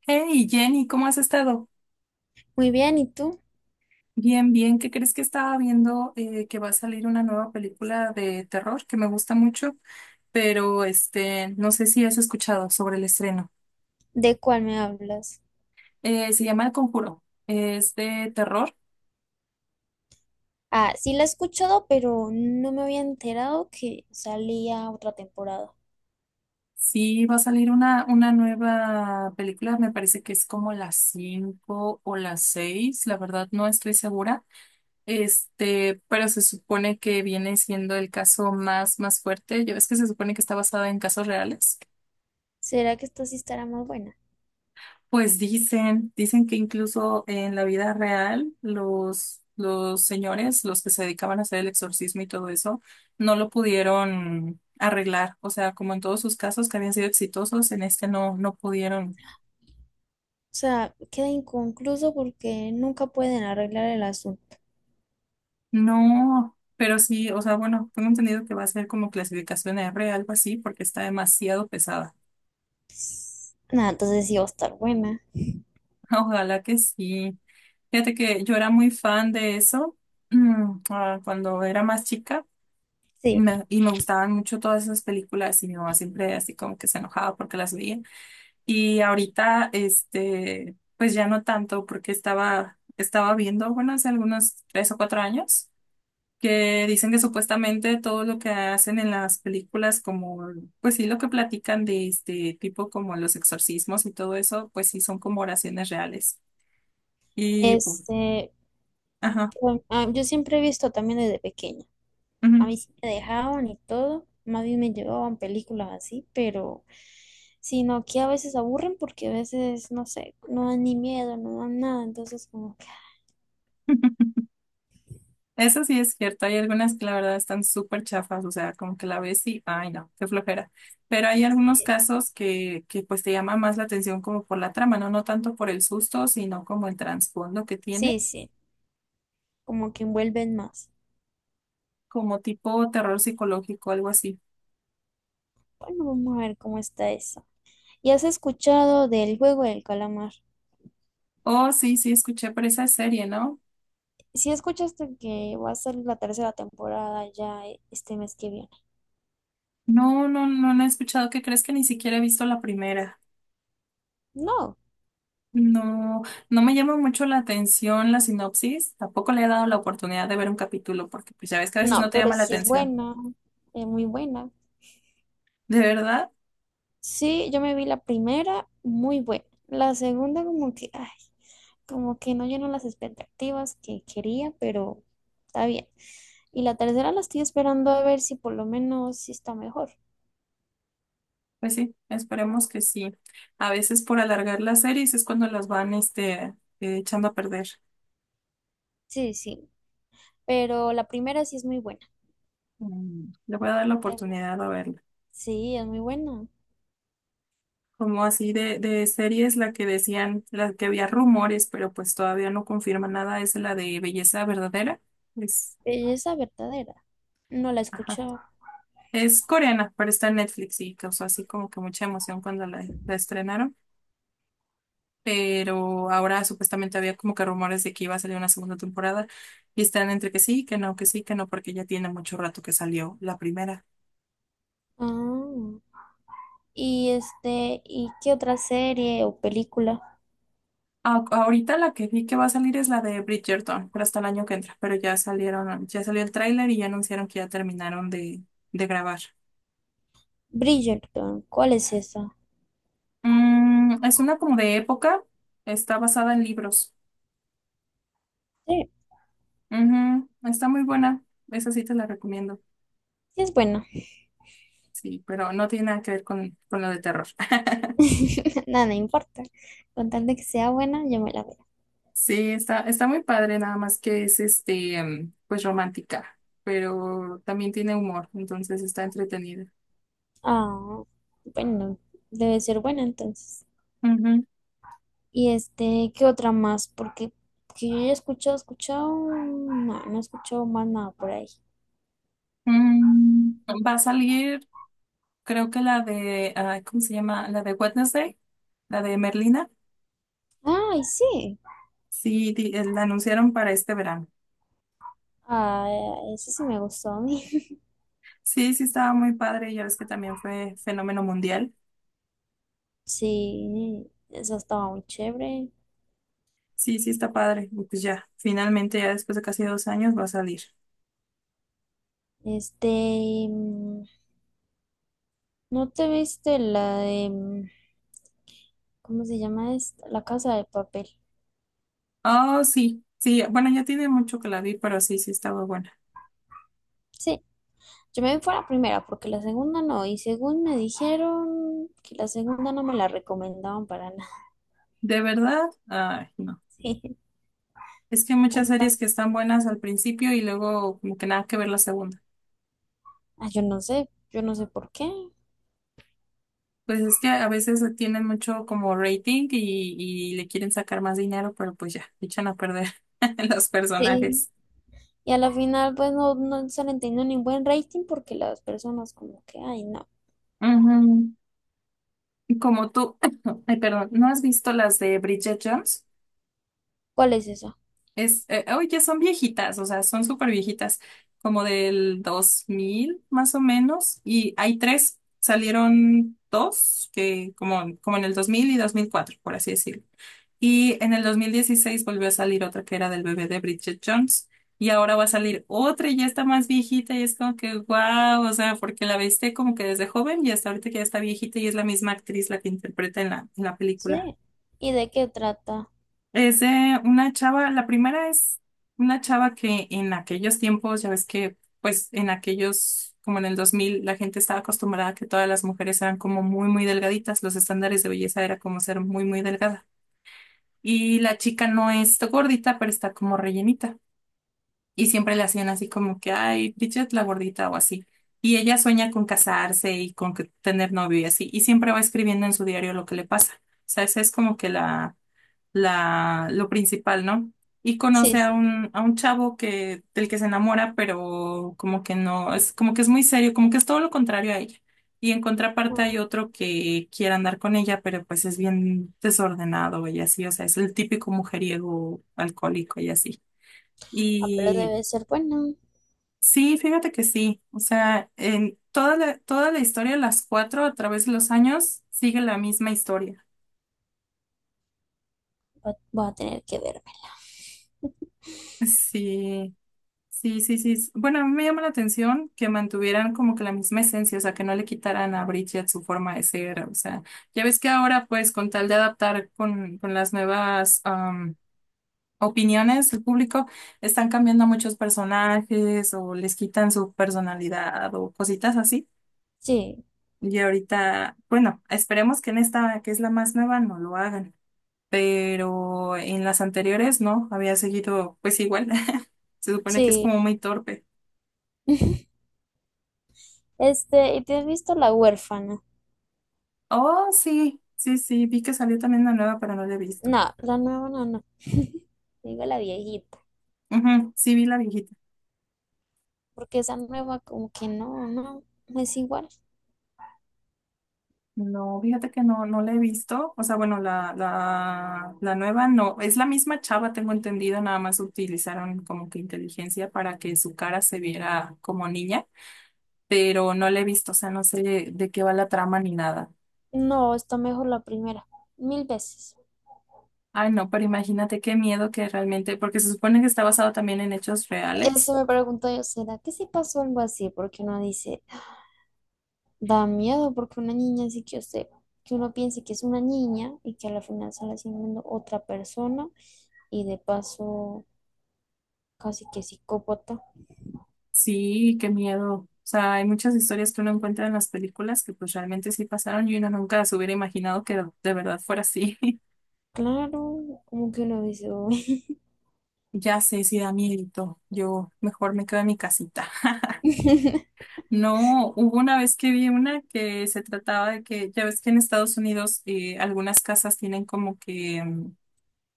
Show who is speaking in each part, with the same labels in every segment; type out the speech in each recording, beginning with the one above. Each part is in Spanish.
Speaker 1: Hey Jenny, ¿cómo has estado?
Speaker 2: Muy bien, ¿y tú?
Speaker 1: Bien, bien. ¿Qué crees que estaba viendo, que va a salir una nueva película de terror que me gusta mucho? Pero no sé si has escuchado sobre el estreno.
Speaker 2: ¿De cuál me hablas?
Speaker 1: Se llama El Conjuro. Es de terror.
Speaker 2: Ah, sí la he escuchado, pero no me había enterado que salía otra temporada.
Speaker 1: Sí, va a salir una nueva película. Me parece que es como las 5 o las 6. La verdad, no estoy segura. Pero se supone que viene siendo el caso más, más fuerte. Ya ves que se supone que está basada en casos reales.
Speaker 2: ¿Será que esta sí estará más buena?
Speaker 1: Pues dicen que incluso en la vida real los señores, los que se dedicaban a hacer el exorcismo y todo eso, no lo pudieron arreglar. O sea, como en todos sus casos que habían sido exitosos, en este no, no pudieron.
Speaker 2: O sea, queda inconcluso porque nunca pueden arreglar el asunto.
Speaker 1: No, pero sí, o sea, bueno, tengo entendido que va a ser como clasificación R, algo así, porque está demasiado pesada.
Speaker 2: Nada, entonces sí va a estar buena.
Speaker 1: Ojalá que sí. Fíjate que yo era muy fan de eso, cuando era más chica. Y
Speaker 2: Sí.
Speaker 1: Me, y me gustaban mucho todas esas películas y mi mamá siempre así como que se enojaba porque las veía. Y ahorita, pues ya no tanto porque estaba viendo, bueno, hace algunos 3 o 4 años, que dicen que supuestamente todo lo que hacen en las películas, como, pues sí, lo que platican de este tipo como los exorcismos y todo eso, pues sí son como oraciones reales. Y pues,
Speaker 2: Este,
Speaker 1: ajá.
Speaker 2: bueno, yo siempre he visto también desde pequeña. A
Speaker 1: Ujú.
Speaker 2: mí sí me dejaban y todo, más bien me llevaban películas así, pero sino que a veces aburren porque a veces, no sé, no dan ni miedo, no dan nada.
Speaker 1: Eso sí es cierto, hay algunas que la verdad están súper chafas, o sea, como que la ves y, ay no, qué flojera. Pero hay algunos
Speaker 2: Sí,
Speaker 1: casos que pues te llama más la atención como por la trama, ¿no? No tanto por el susto, sino como el trasfondo que tiene,
Speaker 2: sí, sí, como que envuelven más.
Speaker 1: como tipo terror psicológico, algo así.
Speaker 2: Bueno, vamos a ver cómo está eso. ¿Y has escuchado del juego del calamar?
Speaker 1: Oh, sí, sí, escuché por esa serie, ¿no?
Speaker 2: ¿Si escuchaste que va a ser la tercera temporada ya este mes que viene?
Speaker 1: No, no, no la he escuchado. ¿Qué crees que ni siquiera he visto la primera?
Speaker 2: No,
Speaker 1: No, no me llama mucho la atención la sinopsis, tampoco le he dado la oportunidad de ver un capítulo, porque pues ya ves que a veces
Speaker 2: no,
Speaker 1: no te
Speaker 2: pero
Speaker 1: llama la
Speaker 2: sí es
Speaker 1: atención.
Speaker 2: buena, es muy buena.
Speaker 1: ¿De verdad?
Speaker 2: Sí, yo me vi la primera, muy buena. La segunda como que, ay, como que no llenó las expectativas que quería, pero está bien. Y la tercera la estoy esperando a ver si por lo menos sí está mejor.
Speaker 1: Pues sí, esperemos que sí. A veces por alargar las series es cuando las van echando a perder.
Speaker 2: Sí, sí, pero la primera sí es muy buena.
Speaker 1: Mm. Le voy a dar la oportunidad a verla.
Speaker 2: Sí, es muy buena.
Speaker 1: Como así de series, la que decían, la que había rumores, pero pues todavía no confirma nada, es la de Belleza Verdadera. Es,
Speaker 2: Belleza verdadera. No la he
Speaker 1: ajá.
Speaker 2: escuchado.
Speaker 1: Es coreana, pero está en Netflix y causó así como que mucha emoción cuando la estrenaron. Pero ahora supuestamente había como que rumores de que iba a salir una segunda temporada y están entre que sí, que no, que sí, que no, porque ya tiene mucho rato que salió la primera.
Speaker 2: Ah, y este, ¿y qué otra serie o película?
Speaker 1: Ah, ahorita la que vi que va a salir es la de Bridgerton, pero hasta el año que entra. Pero ya salieron, ya salió el tráiler y ya anunciaron que ya terminaron de grabar.
Speaker 2: Bridgerton, ¿cuál es esa?
Speaker 1: Mm. Es una como de época, está basada en libros.
Speaker 2: Sí,
Speaker 1: Ujú. Está muy buena, esa sí te la recomiendo.
Speaker 2: sí es buena.
Speaker 1: Sí, pero no tiene nada que ver con lo de terror.
Speaker 2: Nada, no importa. Con tal de que sea buena, yo me la veo.
Speaker 1: Sí, está muy padre, nada más que es pues romántica, pero también tiene humor, entonces está entretenida.
Speaker 2: Ah, bueno, debe ser buena entonces.
Speaker 1: Ujú.
Speaker 2: Y este, ¿qué otra más? Porque que yo ya he escuchado, escuchado, no, no he escuchado más nada por ahí.
Speaker 1: Mm, Va a salir, creo que la de, ¿cómo se llama? La de Wednesday, la de Merlina.
Speaker 2: Ay, sí.
Speaker 1: Sí, la anunciaron para este verano.
Speaker 2: Ah, eso sí me gustó a mí.
Speaker 1: Sí, sí, estaba muy padre, ya ves que también fue fenómeno mundial.
Speaker 2: Sí, esa estaba muy chévere.
Speaker 1: Sí, sí, está padre. Y pues ya, finalmente, ya después de casi 2 años, va a salir.
Speaker 2: Este, mm, ¿No te viste la de, cómo se llama esta? La Casa de Papel.
Speaker 1: Oh, sí, sí, bueno, ya tiene mucho que la vi, pero sí, sí, estaba bueno.
Speaker 2: Sí, yo me fui a la primera porque la segunda no, y según me dijeron que la segunda no me la recomendaban para nada.
Speaker 1: ¿De verdad? Ay, no.
Speaker 2: Sí.
Speaker 1: Es que hay muchas series que
Speaker 2: Entonces,
Speaker 1: están buenas al principio y luego como que nada que ver la segunda.
Speaker 2: ah, yo no sé por qué.
Speaker 1: Pues es que a veces tienen mucho como rating y le quieren sacar más dinero, pero pues ya, echan a perder los
Speaker 2: Sí,
Speaker 1: personajes.
Speaker 2: y a la final pues no, no se le entendió ni buen rating porque las personas como que, ay, no,
Speaker 1: Ujú. Y Como tú, ay, perdón, ¿no has visto las de Bridget Jones?
Speaker 2: ¿cuál es eso?
Speaker 1: Hoy ya son viejitas, o sea, son súper viejitas, como del 2000 más o menos, y hay tres, salieron dos, que como en el 2000 y 2004 por así decirlo. Y en el 2016 volvió a salir otra que era del bebé de Bridget Jones, y ahora va a salir otra y ya está más viejita, y es como que, wow, o sea, porque la viste como que desde joven y hasta ahorita que ya está viejita, y es la misma actriz la que interpreta en la película.
Speaker 2: Sí, ¿y de qué trata?
Speaker 1: Es de una chava. La primera es una chava que en aquellos tiempos, ya ves que, pues en aquellos, como en el 2000 la gente estaba acostumbrada a que todas las mujeres eran como muy, muy delgaditas, los estándares de belleza era como ser muy, muy delgada. Y la chica no es gordita, pero está como rellenita. Y siempre le hacían así como que, ay, Bridget la gordita o así. Y ella sueña con casarse y con tener novio y así. Y siempre va escribiendo en su diario lo que le pasa. O sea, esa es como que lo principal, ¿no? Y
Speaker 2: Sí,
Speaker 1: conoce a
Speaker 2: sí.
Speaker 1: un, a un chavo del que se enamora, pero como que no, es como que es muy serio, como que es todo lo contrario a ella. Y en contraparte hay
Speaker 2: Ah,
Speaker 1: otro que quiere andar con ella, pero pues es bien desordenado y así, o sea, es el típico mujeriego alcohólico y así.
Speaker 2: pero
Speaker 1: Y
Speaker 2: debe ser bueno.
Speaker 1: sí, fíjate que sí, o sea, en toda la historia, las cuatro a través de los años, sigue la misma historia.
Speaker 2: Va- voy a tener que verme.
Speaker 1: Sí. Sí, sí, sí. Bueno, a mí me llama la atención que mantuvieran como que la misma esencia, o sea, que no le quitaran a Bridget su forma de ser. O sea, ya ves que ahora pues con tal de adaptar con las nuevas opiniones del público, están cambiando muchos personajes o les quitan su personalidad o cositas así.
Speaker 2: Sí,
Speaker 1: Y ahorita, bueno, esperemos que en esta, que es la más nueva, no lo hagan, pero en las anteriores no, había seguido pues igual. Se supone que es
Speaker 2: sí.
Speaker 1: como muy torpe.
Speaker 2: Este, ¿y te has visto La huérfana?
Speaker 1: Oh, sí, sí, sí, vi que salió también una nueva, pero no la he visto.
Speaker 2: No, la nueva no, no. Digo la viejita,
Speaker 1: Ujú, sí, vi la viejita.
Speaker 2: porque esa nueva como que no, no, no es igual.
Speaker 1: No, fíjate que no, no la he visto. O sea, bueno, la nueva no. Es la misma chava, tengo entendido, nada más utilizaron como que inteligencia para que su cara se viera como niña, pero no la he visto, o sea, no sé de qué va la trama ni nada.
Speaker 2: No, está mejor la primera, mil veces.
Speaker 1: Ay, no, pero imagínate qué miedo que realmente, porque se supone que está basado también en hechos
Speaker 2: Eso
Speaker 1: reales.
Speaker 2: me pregunto yo, ¿será que sí pasó algo así? Porque uno dice, da miedo porque una niña así que yo sé, que uno piense que es una niña y que a la final sale siendo otra persona y de paso casi que psicópata.
Speaker 1: Sí, qué miedo. O sea, hay muchas historias que uno encuentra en las películas que pues realmente sí pasaron y uno nunca se hubiera imaginado que de verdad fuera así.
Speaker 2: Claro, como que uno dice, "Uy".
Speaker 1: Ya sé, sí da miedito. Yo mejor me quedo en mi casita. No, hubo una vez que vi una que se trataba de que, ya ves que en Estados Unidos algunas casas tienen como que,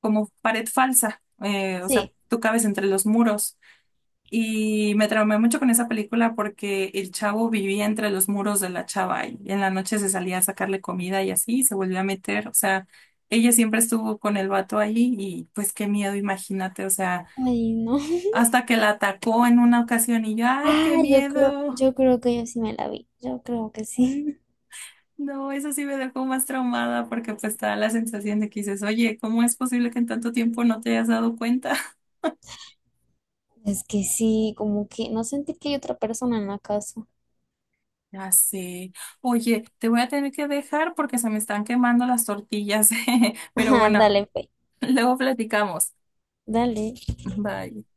Speaker 1: como pared falsa. O sea,
Speaker 2: Sí,
Speaker 1: tú cabes entre los muros. Y me traumé mucho con esa película porque el chavo vivía entre los muros de la chava y en la noche se salía a sacarle comida y así y se volvió a meter. O sea, ella siempre estuvo con el vato ahí y pues qué miedo, imagínate. O sea,
Speaker 2: ay no.
Speaker 1: hasta que la atacó en una ocasión y yo, ay, qué
Speaker 2: Ah,
Speaker 1: miedo.
Speaker 2: yo creo que yo sí me la vi. Yo creo que sí.
Speaker 1: No, eso sí me dejó más traumada porque pues te da la sensación de que dices, oye, ¿cómo es posible que en tanto tiempo no te hayas dado cuenta?
Speaker 2: Es que sí, como que no sentí que hay otra persona en la casa.
Speaker 1: Ya sé. Oye, te voy a tener que dejar porque se me están quemando las tortillas. Pero
Speaker 2: Ajá,
Speaker 1: bueno.
Speaker 2: dale, fe.
Speaker 1: Luego platicamos.
Speaker 2: Dale.
Speaker 1: Bye.